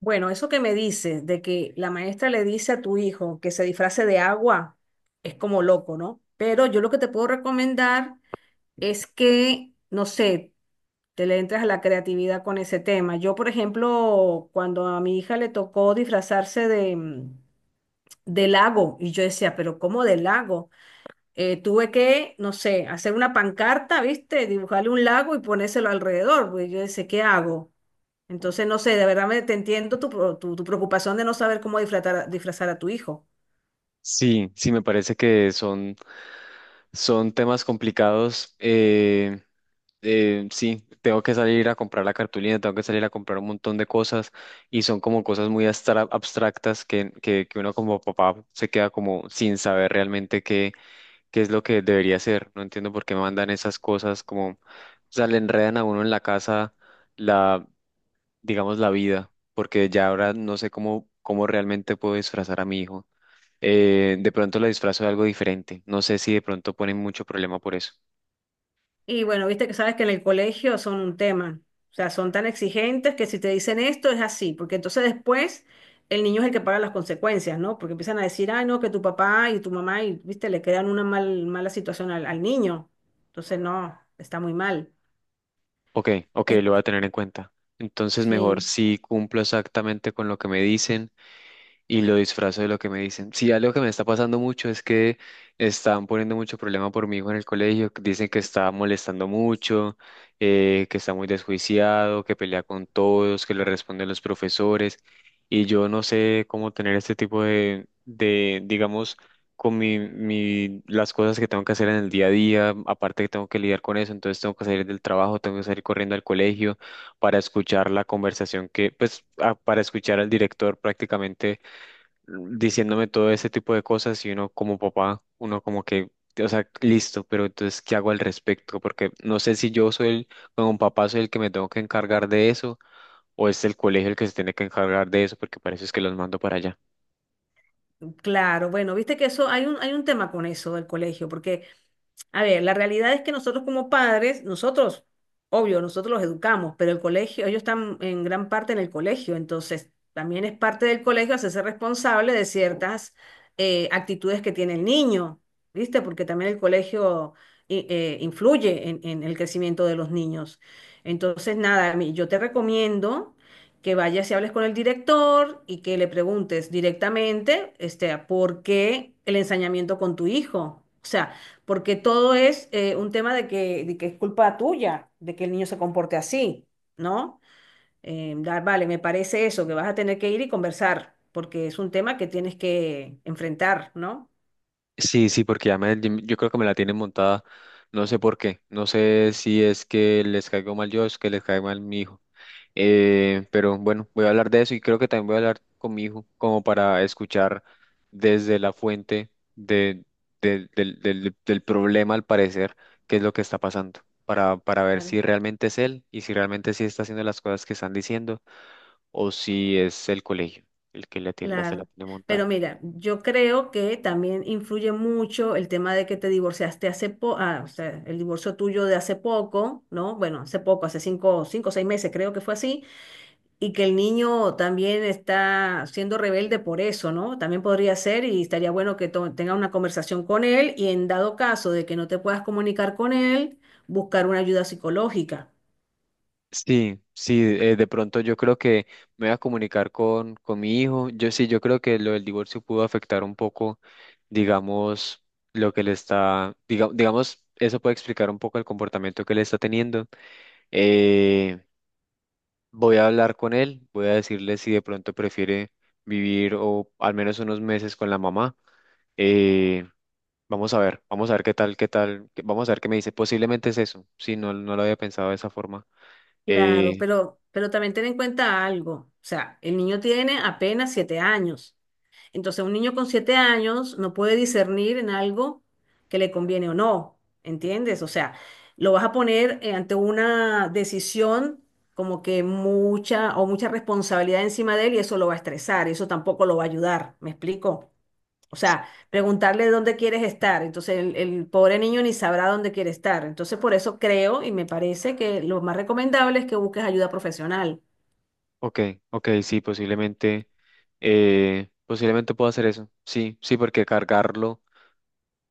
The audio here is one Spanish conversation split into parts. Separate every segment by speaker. Speaker 1: Bueno, eso que me dices de que la maestra le dice a tu hijo que se disfrace de agua es como loco, ¿no? Pero yo lo que te puedo recomendar es que, no sé, te le entres a la creatividad con ese tema. Yo, por ejemplo, cuando a mi hija le tocó disfrazarse de, de lago, y yo decía, pero ¿cómo de lago? Tuve que, no sé, hacer una pancarta, ¿viste? Dibujarle un lago y ponérselo alrededor, pues yo decía, ¿qué hago? Entonces, no sé, de verdad me, te entiendo tu, tu, preocupación de no saber cómo disfrazar, disfrazar a tu hijo.
Speaker 2: Sí, sí, me parece que son, son temas complicados. Sí, tengo que salir a comprar la cartulina, tengo que salir a comprar un montón de cosas y son como cosas muy abstractas que uno como papá se queda como sin saber realmente qué, qué es lo que debería hacer. No entiendo por qué mandan esas cosas como, o sea, le enredan a uno en la casa la, digamos, la vida, porque ya ahora no sé cómo, cómo realmente puedo disfrazar a mi hijo, de pronto la disfrazo de algo diferente. No sé si de pronto ponen mucho problema por eso.
Speaker 1: Y bueno, viste que sabes que en el colegio son un tema. O sea, son tan exigentes que si te dicen esto es así, porque entonces después el niño es el que paga las consecuencias, ¿no? Porque empiezan a decir, ay, no, que tu papá y tu mamá, y viste, le crean una mala situación al, al niño. Entonces, no, está muy mal.
Speaker 2: Ok, ok,
Speaker 1: Es-
Speaker 2: lo voy a tener en cuenta. Entonces mejor
Speaker 1: sí,
Speaker 2: si cumplo exactamente con lo que me dicen y lo disfrazo de lo que me dicen. Sí, algo que me está pasando mucho es que están poniendo mucho problema por mi hijo en el colegio, que dicen que está molestando mucho, que está muy desjuiciado, que pelea con todos, que le responden los profesores, y yo no sé cómo tener este tipo digamos, con las cosas que tengo que hacer en el día a día, aparte que tengo que lidiar con eso, entonces tengo que salir del trabajo, tengo que salir corriendo al colegio para escuchar la conversación que, pues, para escuchar al director prácticamente diciéndome todo ese tipo de cosas y uno como papá, uno como que, o sea, listo, pero entonces, ¿qué hago al respecto? Porque no sé si yo soy el, como papá soy el que me tengo que encargar de eso o es el colegio el que se tiene que encargar de eso porque parece es que los mando para allá.
Speaker 1: claro, bueno, viste que eso, hay un tema con eso del colegio, porque… A ver, la realidad es que nosotros como padres, nosotros, obvio, nosotros los educamos, pero el colegio, ellos están en gran parte en el colegio, entonces también es parte del colegio hacerse responsable de ciertas actitudes que tiene el niño, ¿viste? Porque también el colegio influye en el crecimiento de los niños. Entonces, nada, yo te recomiendo que vayas y hables con el director y que le preguntes directamente, este, ¿por qué el ensañamiento con tu hijo? O sea, porque todo es un tema de que es culpa tuya, de que el niño se comporte así, ¿no? Vale, me parece eso, que vas a tener que ir y conversar, porque es un tema que tienes que enfrentar, ¿no?
Speaker 2: Sí, sí, porque ya me, yo creo que me la tienen montada, no sé por qué, no sé si es que les caigo mal yo o es que les caigo mal mi hijo. Pero bueno, voy a hablar de eso y creo que también voy a hablar con mi hijo, como para escuchar desde la fuente de, del problema, al parecer, qué es lo que está pasando, para ver
Speaker 1: Claro.
Speaker 2: si realmente es él y si realmente sí está haciendo las cosas que están diciendo o si es el colegio el que le tiene, la, se la
Speaker 1: Claro.
Speaker 2: tiene
Speaker 1: Pero
Speaker 2: montada.
Speaker 1: mira, yo creo que también influye mucho el tema de que te divorciaste hace poco, o sea, el divorcio tuyo de hace poco, ¿no? Bueno, hace poco, hace cinco o seis meses, creo que fue así. Y que el niño también está siendo rebelde por eso, ¿no? También podría ser y estaría bueno que tenga una conversación con él y, en dado caso de que no te puedas comunicar con él, buscar una ayuda psicológica.
Speaker 2: Sí, sí, de pronto yo creo que me voy a comunicar con mi hijo. Yo sí, yo creo que lo del divorcio pudo afectar un poco, digamos, lo que le está, digamos, eso puede explicar un poco el comportamiento que le está teniendo. Eh, Voy a hablar con él, voy a decirle si de pronto prefiere vivir o al menos unos meses con la mamá. Eh, Vamos a ver, vamos a ver qué tal, vamos a ver qué me dice. Posiblemente es eso, sí, no, no lo había pensado de esa forma.
Speaker 1: Claro,
Speaker 2: Eh,
Speaker 1: pero también ten en cuenta algo. O sea, el niño tiene apenas 7 años. Entonces, un niño con 7 años no puede discernir en algo que le conviene o no, ¿entiendes? O sea, lo vas a poner ante una decisión como que mucha o mucha responsabilidad encima de él y eso lo va a estresar, y eso tampoco lo va a ayudar, ¿me explico? O sea, preguntarle dónde quieres estar, entonces el pobre niño ni sabrá dónde quiere estar. Entonces, por eso creo y me parece que lo más recomendable es que busques ayuda profesional.
Speaker 2: Ok, ok, sí, posiblemente, posiblemente puedo hacer eso. Sí, sí, porque cargarlo,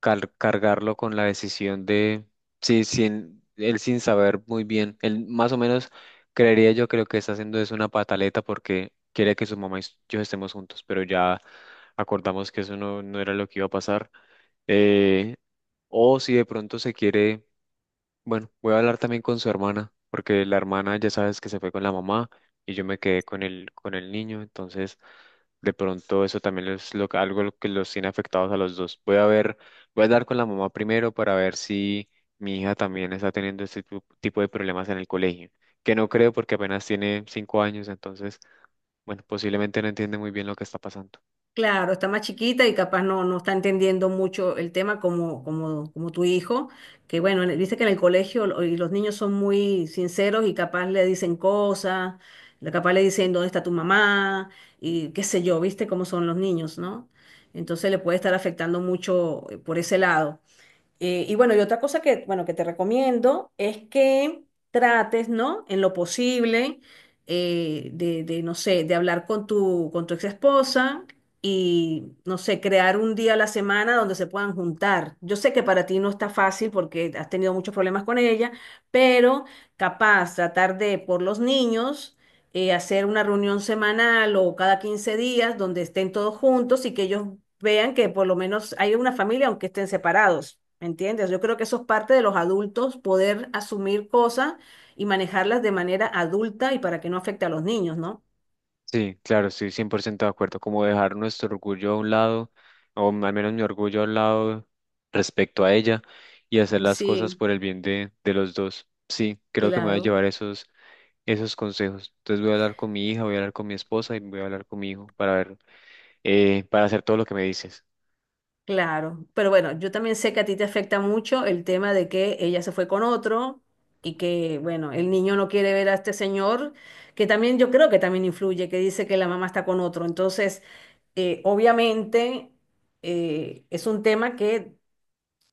Speaker 2: cargarlo con la decisión de, sí, sin, él sin saber muy bien, él más o menos creería yo que lo que está haciendo es una pataleta porque quiere que su mamá y yo estemos juntos, pero ya acordamos que eso no, no era lo que iba a pasar. Eh, o si de pronto se quiere, bueno, voy a hablar también con su hermana, porque la hermana ya sabes que se fue con la mamá y yo me quedé con el niño, entonces de pronto eso también es lo, algo lo que los tiene afectados a los dos. Voy a ver, voy a hablar con la mamá primero para ver si mi hija también está teniendo este tipo de problemas en el colegio, que no creo porque apenas tiene 5 años, entonces, bueno, posiblemente no entiende muy bien lo que está pasando.
Speaker 1: Claro, está más chiquita y capaz no, no está entendiendo mucho el tema como, como, como tu hijo, que bueno, viste que en el colegio y los niños son muy sinceros y capaz le dicen cosas, capaz le dicen dónde está tu mamá y qué sé yo, viste cómo son los niños, ¿no? Entonces le puede estar afectando mucho por ese lado. Y bueno, y otra cosa que, bueno, que te recomiendo es que trates, ¿no? En lo posible, de, no sé, de hablar con tu ex esposa y, no sé, crear un día a la semana donde se puedan juntar. Yo sé que para ti no está fácil porque has tenido muchos problemas con ella, pero capaz tratar de, por los niños, hacer una reunión semanal o cada 15 días donde estén todos juntos y que ellos vean que por lo menos hay una familia aunque estén separados, ¿me entiendes? Yo creo que eso es parte de los adultos, poder asumir cosas y manejarlas de manera adulta y para que no afecte a los niños, ¿no?
Speaker 2: Sí, claro, estoy 100% de acuerdo, como dejar nuestro orgullo a un lado, o al menos mi orgullo a un lado respecto a ella y hacer
Speaker 1: Y
Speaker 2: las cosas
Speaker 1: sí,
Speaker 2: por el bien de los dos. Sí, creo que me voy a
Speaker 1: claro.
Speaker 2: llevar esos, esos consejos. Entonces voy a hablar con mi hija, voy a hablar con mi esposa y voy a hablar con mi hijo para ver, para hacer todo lo que me dices.
Speaker 1: Claro, pero bueno, yo también sé que a ti te afecta mucho el tema de que ella se fue con otro y que, bueno, el niño no quiere ver a este señor, que también yo creo que también influye, que dice que la mamá está con otro. Entonces, obviamente, es un tema que,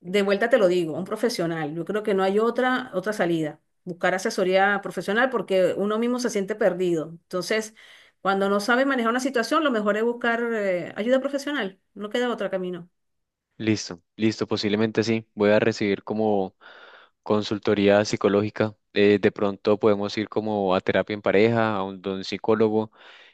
Speaker 1: de vuelta te lo digo, un profesional. Yo creo que no hay otra, otra salida, buscar asesoría profesional porque uno mismo se siente perdido. Entonces, cuando no sabe manejar una situación, lo mejor es buscar, ayuda profesional, no queda otro camino.
Speaker 2: Listo, listo, posiblemente sí. Voy a recibir como consultoría psicológica. De pronto podemos ir como a terapia en pareja, a un, de un psicólogo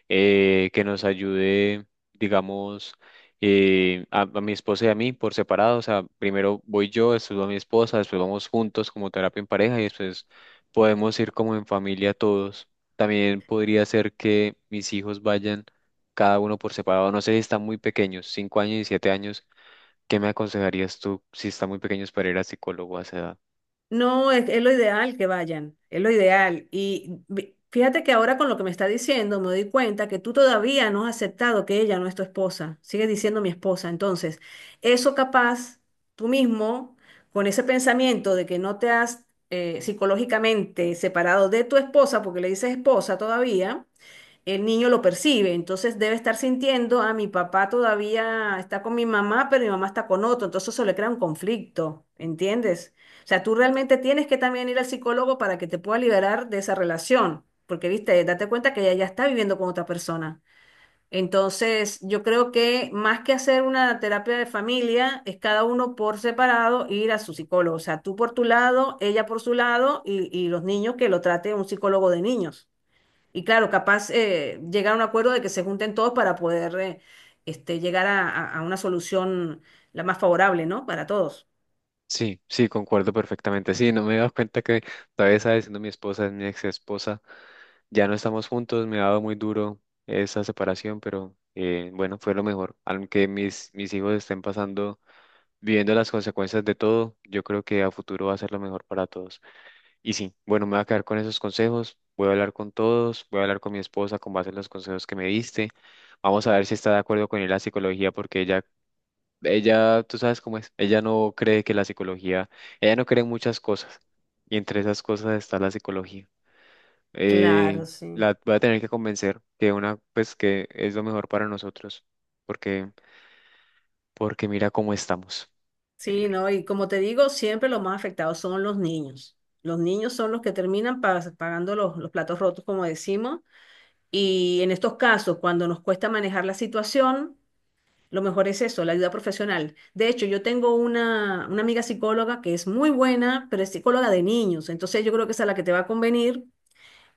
Speaker 2: que nos ayude, digamos, a mi esposa y a mí por separado. O sea, primero voy yo, después va mi esposa, después vamos juntos como terapia en pareja y después podemos ir como en familia todos. También podría ser que mis hijos vayan cada uno por separado. No sé si están muy pequeños, 5 años y 7 años. ¿Qué me aconsejarías tú si está muy pequeños para ir a psicólogo a esa edad?
Speaker 1: No, es lo ideal que vayan, es lo ideal. Y fíjate que ahora con lo que me está diciendo me doy cuenta que tú todavía no has aceptado que ella no es tu esposa, sigues diciendo mi esposa. Entonces, eso capaz tú mismo, con ese pensamiento de que no te has psicológicamente separado de tu esposa, porque le dices esposa todavía, el niño lo percibe, entonces debe estar sintiendo, ah, mi papá todavía está con mi mamá, pero mi mamá está con otro, entonces eso le crea un conflicto, ¿entiendes? O sea, tú realmente tienes que también ir al psicólogo para que te pueda liberar de esa relación, porque, viste, date cuenta que ella ya está viviendo con otra persona. Entonces, yo creo que más que hacer una terapia de familia, es cada uno por separado ir a su psicólogo. O sea, tú por tu lado, ella por su lado y los niños que lo trate un psicólogo de niños. Y claro, capaz llegar a un acuerdo de que se junten todos para poder este, llegar a, a una solución la más favorable, ¿no? Para todos.
Speaker 2: Sí, sí, concuerdo perfectamente. Sí, no me he dado cuenta que todavía está diciendo mi esposa, es mi ex esposa. Ya no estamos juntos, me ha dado muy duro esa separación, pero bueno, fue lo mejor. Aunque mis hijos estén pasando, viviendo las consecuencias de todo, yo creo que a futuro va a ser lo mejor para todos. Y sí, bueno, me voy a quedar con esos consejos. Voy a hablar con todos, voy a hablar con mi esposa con base en los consejos que me diste. Vamos a ver si está de acuerdo con ir a la psicología porque ella, tú sabes cómo es, ella no cree que la psicología, ella no cree en muchas cosas, y entre esas cosas está la psicología. Eh,
Speaker 1: Claro, sí.
Speaker 2: la voy a tener que convencer que una, pues que es lo mejor para nosotros, porque, porque mira cómo estamos. Eh,
Speaker 1: Sí, ¿no? Y como te digo, siempre los más afectados son los niños. Los niños son los que terminan pagando los platos rotos, como decimos. Y en estos casos, cuando nos cuesta manejar la situación, lo mejor es eso, la ayuda profesional. De hecho, yo tengo una amiga psicóloga que es muy buena, pero es psicóloga de niños. Entonces yo creo que esa es la que te va a convenir.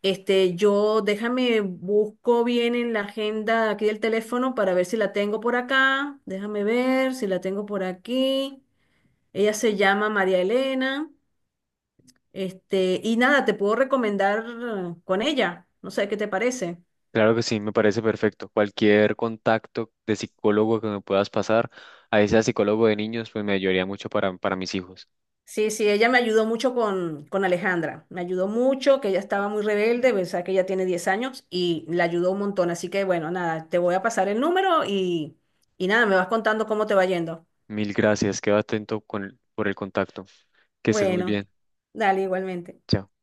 Speaker 1: Este, yo déjame, busco bien en la agenda aquí del teléfono para ver si la tengo por acá. Déjame ver si la tengo por aquí. Ella se llama María Elena. Este, y nada, te puedo recomendar con ella. No sé qué te parece.
Speaker 2: claro que sí, me parece perfecto. Cualquier contacto de psicólogo que me puedas pasar, ahí sea psicólogo de niños, pues me ayudaría mucho para mis hijos.
Speaker 1: Sí, sí, ella me ayudó mucho con Alejandra. Me ayudó mucho, que ella estaba muy rebelde, o sea, que ella tiene 10 años y la ayudó un montón. Así que bueno, nada, te voy a pasar el número y nada, me vas contando cómo te va yendo.
Speaker 2: Mil gracias, quedo atento con, por el contacto. Que estés muy
Speaker 1: Bueno,
Speaker 2: bien.
Speaker 1: dale igualmente.
Speaker 2: Chao.